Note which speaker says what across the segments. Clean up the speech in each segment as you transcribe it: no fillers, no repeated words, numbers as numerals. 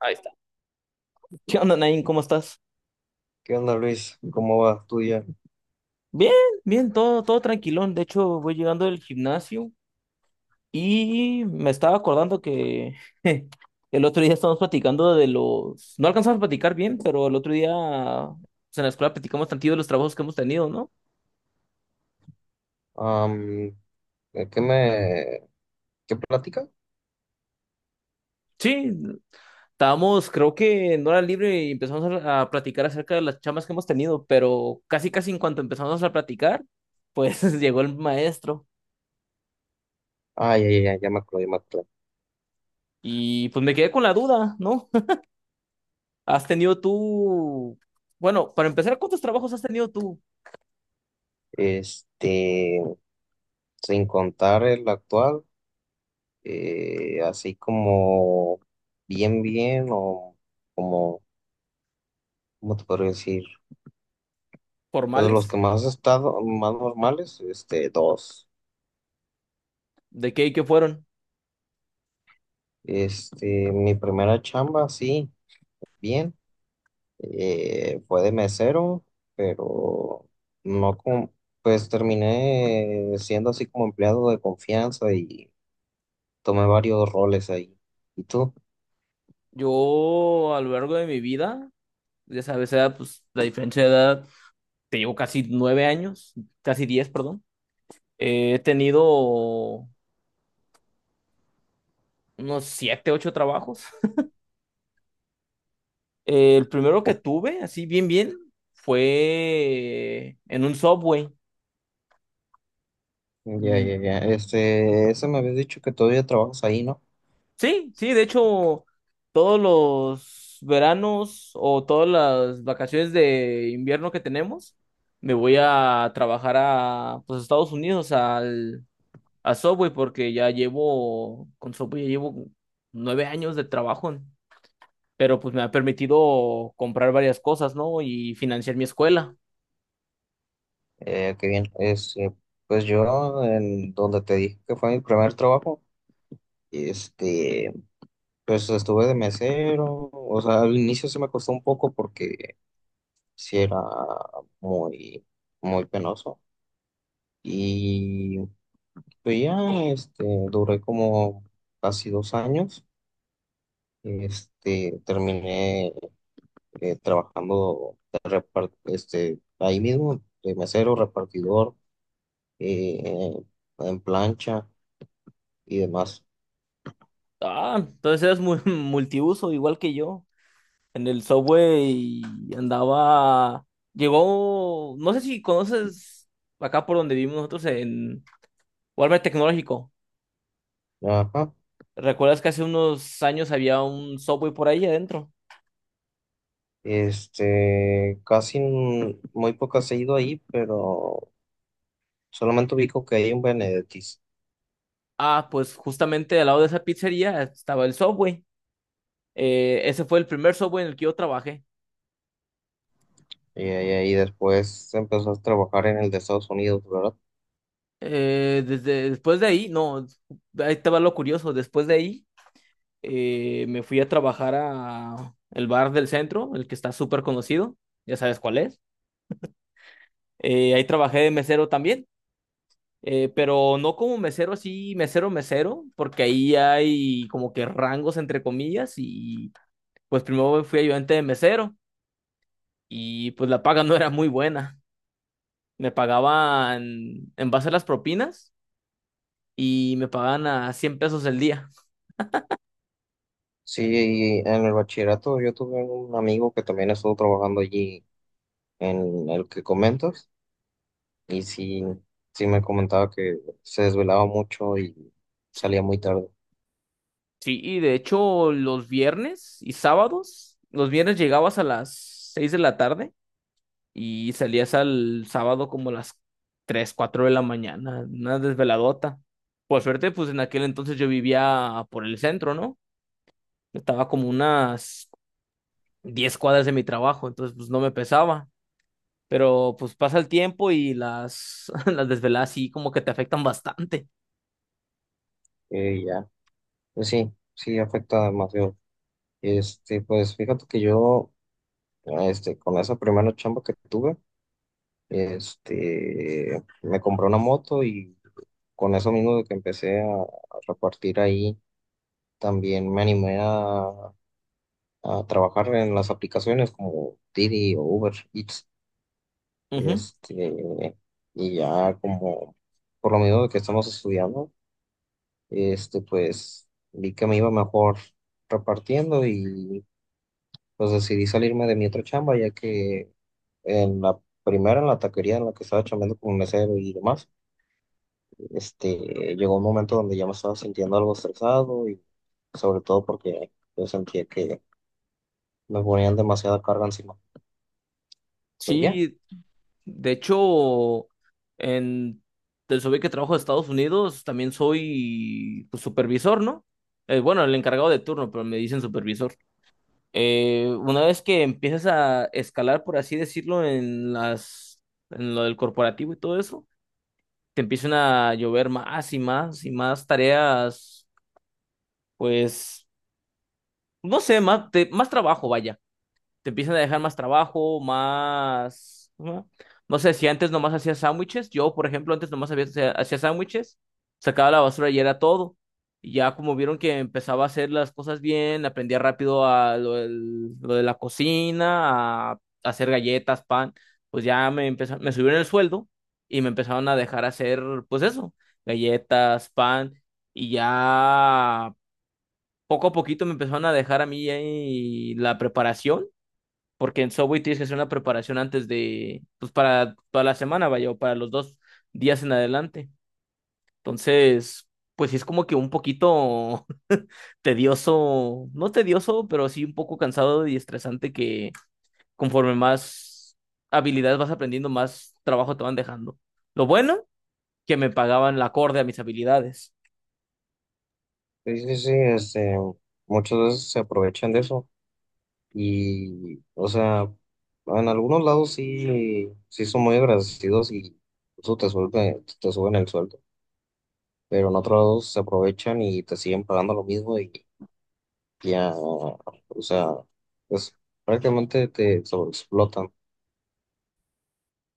Speaker 1: Ahí está. ¿Qué onda, Nain? ¿Cómo estás?
Speaker 2: ¿Qué onda, Luis? ¿Cómo va tu día?
Speaker 1: Bien, bien, todo tranquilón. De hecho, voy llegando del gimnasio y me estaba acordando que el otro día estábamos platicando de los... No alcanzamos a platicar bien, pero el otro día pues, en la escuela platicamos tantillo de los trabajos que hemos tenido, ¿no?
Speaker 2: Am, ¿de ¿qué me, qué plática?
Speaker 1: Sí, estábamos, creo que en hora libre y empezamos a platicar acerca de las chamas que hemos tenido, pero casi en cuanto empezamos a platicar, pues llegó el maestro
Speaker 2: Ah, ya, me acuerdo, ya me acuerdo.
Speaker 1: y pues me quedé con la duda, ¿no? ¿Has tenido tú, bueno, para empezar, ¿cuántos trabajos has tenido tú
Speaker 2: Este, Sin contar el actual, así como bien, bien, como, ¿cómo te podría decir? Pues, de los
Speaker 1: formales?
Speaker 2: que más he estado, más normales, dos.
Speaker 1: ¿De qué y qué fueron?
Speaker 2: Mi primera chamba, sí, bien. Fue de mesero, pero no con, pues terminé siendo así como empleado de confianza y tomé varios roles ahí. ¿Y tú?
Speaker 1: Yo a lo largo de mi vida, ya sabes, era pues la diferencia de edad, te llevo casi nueve años, casi diez, perdón. He tenido unos siete, ocho trabajos. El primero que tuve, así bien, bien, fue en un Subway.
Speaker 2: Ya, ya, ya. Ese me habías dicho que todavía trabajas ahí, ¿no?
Speaker 1: Sí, sí, de hecho, todos los veranos o todas las vacaciones de invierno que tenemos, me voy a trabajar a, pues, Estados Unidos, al, a Subway, porque ya llevo, con Subway ya llevo nueve años de trabajo, pero pues me ha permitido comprar varias cosas, ¿no? Y financiar mi escuela.
Speaker 2: Qué bien. Pues yo, en donde te dije que fue mi primer trabajo, este, pues estuve de mesero. O sea, al inicio se me costó un poco porque sí era muy, muy penoso. Y pues ya, este, duré como casi dos años. Terminé trabajando de ahí mismo, de mesero, repartidor, eh, en plancha y demás.
Speaker 1: Ah, entonces eres muy multiuso, igual que yo. En el Subway y andaba, llegó, no sé si conoces acá por donde vivimos nosotros en Walmart Tecnológico.
Speaker 2: Ajá.
Speaker 1: ¿Recuerdas que hace unos años había un Subway por ahí adentro?
Speaker 2: Muy pocas he ido ahí, pero solamente ubico que hay un Benedictis.
Speaker 1: Ah, pues justamente al lado de esa pizzería estaba el Subway. Ese fue el primer Subway en el que yo trabajé.
Speaker 2: Y ahí después empezó a trabajar en el de Estados Unidos, ¿verdad?
Speaker 1: Desde después de ahí, no, ahí te va lo curioso, después de ahí me fui a trabajar a el bar del centro, el que está súper conocido, ya sabes cuál es. Ahí trabajé de mesero también, pero no como mesero así, mesero, mesero, porque ahí hay como que rangos entre comillas y pues primero fui ayudante de mesero y pues la paga no era muy buena. Me pagaban en base a las propinas y me pagaban a 100 pesos el día.
Speaker 2: Sí, y en el bachillerato yo tuve un amigo que también estuvo trabajando allí en el que comentas y sí, sí me comentaba que se desvelaba mucho y salía muy tarde.
Speaker 1: Sí, y de hecho los viernes y sábados, los viernes llegabas a las 6 de la tarde y salías al sábado como a las 3 4 de la mañana, una desveladota. Por suerte, pues en aquel entonces yo vivía por el centro, ¿no? Estaba como unas 10 cuadras de mi trabajo, entonces pues no me pesaba. Pero pues pasa el tiempo y las, las desveladas sí como que te afectan bastante.
Speaker 2: Y ya, pues sí, sí afecta demasiado. Pues fíjate que yo, con esa primera chamba que tuve, me compré una moto y con eso mismo de que empecé a repartir ahí, también me animé a trabajar en las aplicaciones como Didi o Uber Eats,
Speaker 1: Ujú.
Speaker 2: este, y ya como por lo mismo de que estamos estudiando, pues vi que me iba mejor repartiendo y pues decidí salirme de mi otra chamba, ya que en la primera, en la taquería en la que estaba chambeando como mesero y demás, este, llegó un momento donde ya me estaba sintiendo algo estresado y sobre todo porque yo sentía que me ponían demasiada carga encima. Pues ya.
Speaker 1: Sí, de hecho, en del SOBI que trabajo de Estados Unidos, también soy pues, supervisor, ¿no? Bueno, el encargado de turno, pero me dicen supervisor. Una vez que empiezas a escalar, por así decirlo, en las, en lo del corporativo y todo eso, te empiezan a llover más y más y más tareas, pues, no sé, más, te- más trabajo, vaya te empiezan a dejar más trabajo, más... ¿no? No sé, si antes nomás hacía sándwiches, yo, por ejemplo, antes nomás había- hacía sándwiches, sacaba la basura y era todo. Y ya como vieron que empezaba a hacer las cosas bien, aprendía rápido a lo, del- lo de la cocina, a hacer galletas, pan, pues ya me empezó, me subieron el sueldo y me empezaron a dejar hacer, pues eso, galletas, pan, y ya poco a poquito me empezaron a dejar a mí ahí la preparación porque en Subway tienes que hacer una preparación antes de, pues para toda la semana, vaya, o para los dos días en adelante. Entonces, pues sí es como que un poquito tedioso, no tedioso, pero sí un poco cansado y estresante que conforme más habilidades vas aprendiendo, más trabajo te van dejando. Lo bueno, que me pagaban la acorde a mis habilidades.
Speaker 2: Sí, sí, sí, muchas veces se aprovechan de eso y, o sea, en algunos lados sí, sí son muy agradecidos y eso te suelta- te suben el sueldo, pero en otros lados se aprovechan y te siguen pagando lo mismo y ya, o sea, pues prácticamente te sobreexplotan.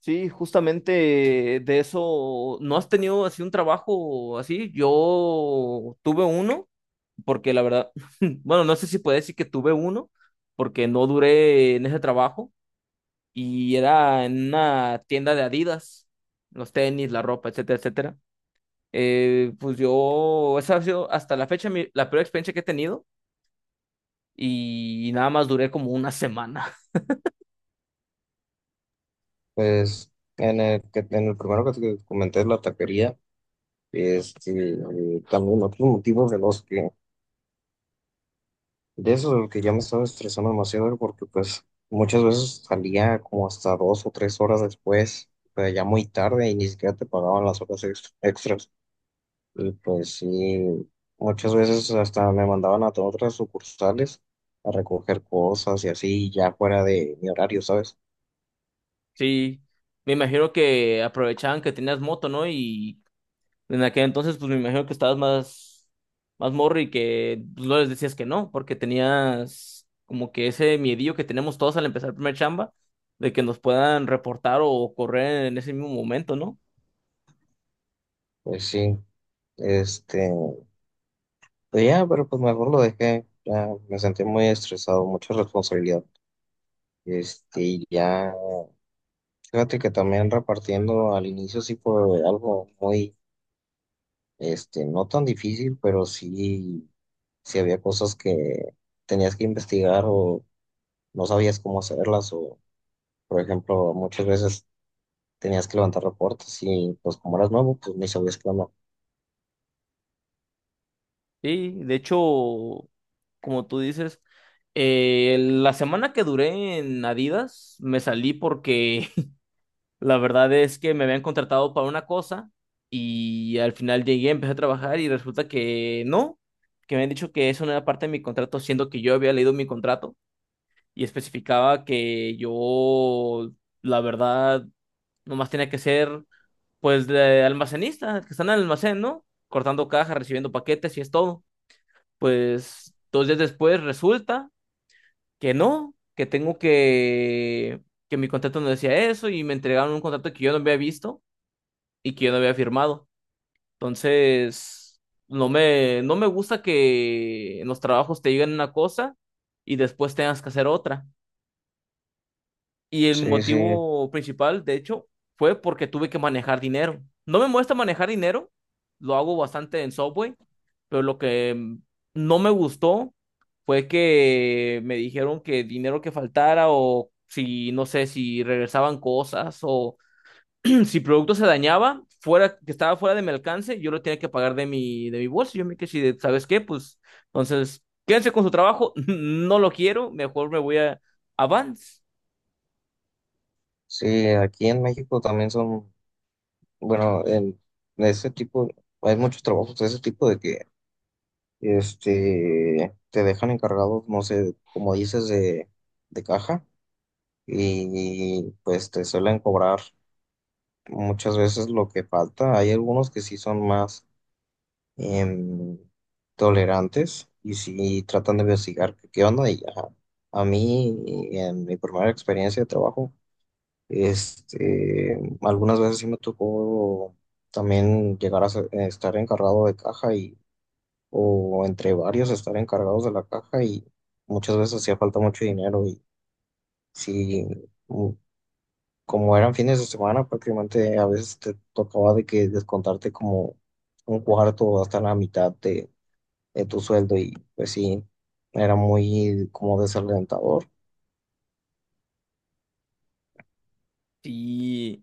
Speaker 1: Sí, justamente de eso, ¿no has tenido así un trabajo así? Yo tuve uno porque la verdad, bueno, no sé si puedo decir que tuve uno, porque no duré en ese trabajo y era en una tienda de Adidas, los tenis, la ropa, etcétera, etcétera. Pues yo, esa ha sido hasta la fecha mi- la peor experiencia que he tenido y nada más duré como una semana.
Speaker 2: Pues en en el primero que te comenté, la taquería, este, también otros motivos de los que de eso, de que ya me estaba estresando demasiado porque pues muchas veces salía como hasta dos o tres horas después, pues ya muy tarde y ni siquiera te pagaban las horas extras. Y pues sí, muchas veces hasta me mandaban a otras sucursales a recoger cosas y así ya fuera de mi horario, ¿sabes?
Speaker 1: Sí, me imagino que aprovechaban que tenías moto, ¿no? Y en aquel entonces, pues me imagino que estabas más, más morro y que pues, no les decías que no, porque tenías como que ese miedillo que tenemos todos al empezar el primer chamba, de que nos puedan reportar o correr en ese mismo momento, ¿no?
Speaker 2: Pues sí, este, pues ya, pero pues mejor lo dejé, ya me sentí muy estresado, mucha responsabilidad. Y ya. Fíjate que también repartiendo al inicio sí fue algo muy, no tan difícil, pero sí, sí había cosas que tenías que investigar o no sabías cómo hacerlas o, por ejemplo, muchas veces tenías que levantar reportes y pues como eras nuevo, pues ni sabías cómo.
Speaker 1: Sí, de hecho, como tú dices, la semana que duré en Adidas, me salí porque la verdad es que me habían contratado para una cosa y al final llegué, empecé a trabajar y resulta que no, que me han dicho que eso no era parte de mi contrato, siendo que yo había leído mi contrato y especificaba que yo, la verdad, nomás tenía que ser pues de almacenista, que está en el almacén, ¿no? Cortando cajas, recibiendo paquetes y es todo. Pues dos días después resulta que no, que tengo que mi contrato no decía eso y me entregaron un contrato que yo no había visto y que yo no había firmado. Entonces, no me gusta que en los trabajos te digan una cosa y después tengas que hacer otra. Y el
Speaker 2: Sí, sí,
Speaker 1: motivo principal, de hecho, fue porque tuve que manejar dinero. No me molesta manejar dinero, lo hago bastante en Subway, pero lo que no me gustó fue que me dijeron que dinero que faltara o si, no sé, si regresaban cosas o si el producto se dañaba, fuera, que estaba fuera de mi alcance, yo lo tenía que pagar de mi bolsa. Yo me quedé, así de, ¿sabes qué? Pues entonces, quédense con su trabajo, no lo quiero, mejor me voy a Avance.
Speaker 2: sí, aquí en México también son, bueno, en ese tipo, hay muchos trabajos de ese tipo de que, te dejan encargados, no sé, como dices, de caja y pues te suelen cobrar muchas veces lo que falta. Hay algunos que sí son más em, tolerantes y sí tratan de investigar qué onda y ya. A mí, en mi primera experiencia de trabajo, algunas veces sí me tocó también estar encargado de caja y, o entre varios estar encargados de la caja y muchas veces hacía falta mucho dinero y sí, mm, como eran fines de semana, prácticamente a veces te tocaba de que descontarte como un cuarto hasta la mitad de tu sueldo y pues sí, era muy como desalentador.
Speaker 1: Y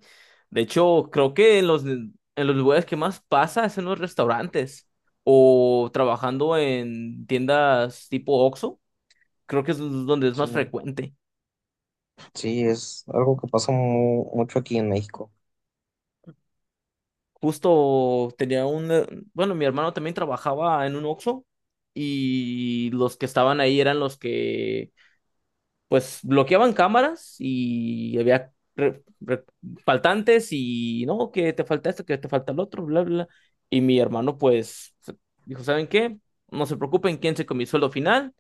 Speaker 1: de hecho, creo que en los lugares que más pasa es en los restaurantes o trabajando en tiendas tipo Oxxo, creo que es donde es
Speaker 2: Sí,
Speaker 1: más frecuente.
Speaker 2: sí, es algo que pasa mucho aquí en México.
Speaker 1: Justo tenía un, bueno, mi hermano también trabajaba en un Oxxo y los que estaban ahí eran los que, pues, bloqueaban cámaras y había re- re- faltantes y, no, que te falta esto, que te falta el otro, bla, bla. Y mi hermano, pues, se- dijo, ¿saben qué? No se preocupen, ¿quién se comió el sueldo final?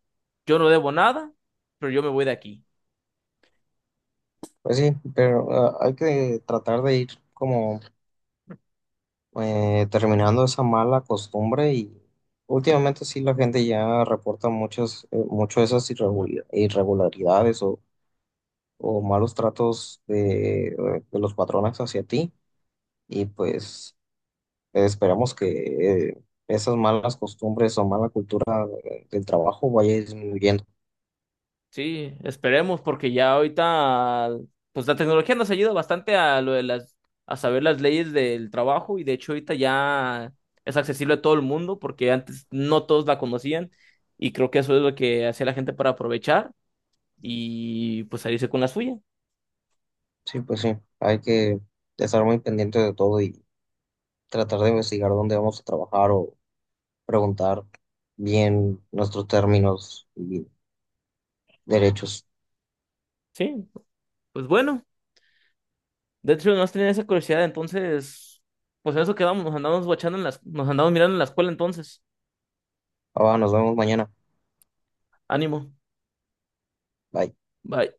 Speaker 1: Yo no debo nada, pero yo me voy de aquí.
Speaker 2: Pues sí, pero ah, hay que tratar de ir como terminando esa mala costumbre y últimamente sí la gente ya reporta muchas, mucho esas irregularidades o malos tratos de los patrones hacia ti y pues esperamos que esas malas costumbres o mala cultura, del trabajo vaya disminuyendo.
Speaker 1: Sí, esperemos, porque ya ahorita, pues la tecnología nos ayuda bastante a lo de las, a saber las leyes del trabajo, y de hecho ahorita ya es accesible a todo el mundo, porque antes no todos la conocían, y creo que eso es lo que hacía la gente para aprovechar y pues salirse con la suya.
Speaker 2: Sí, pues sí, hay que estar muy pendiente de todo y tratar de investigar dónde vamos a trabajar o preguntar bien nuestros términos y derechos.
Speaker 1: Sí, pues bueno, de hecho no tenía esa curiosidad, entonces, pues en eso quedamos, nos andamos guachando en las, nos andamos mirando en la escuela entonces.
Speaker 2: Ah, va, nos vemos mañana.
Speaker 1: Ánimo.
Speaker 2: Bye.
Speaker 1: Bye.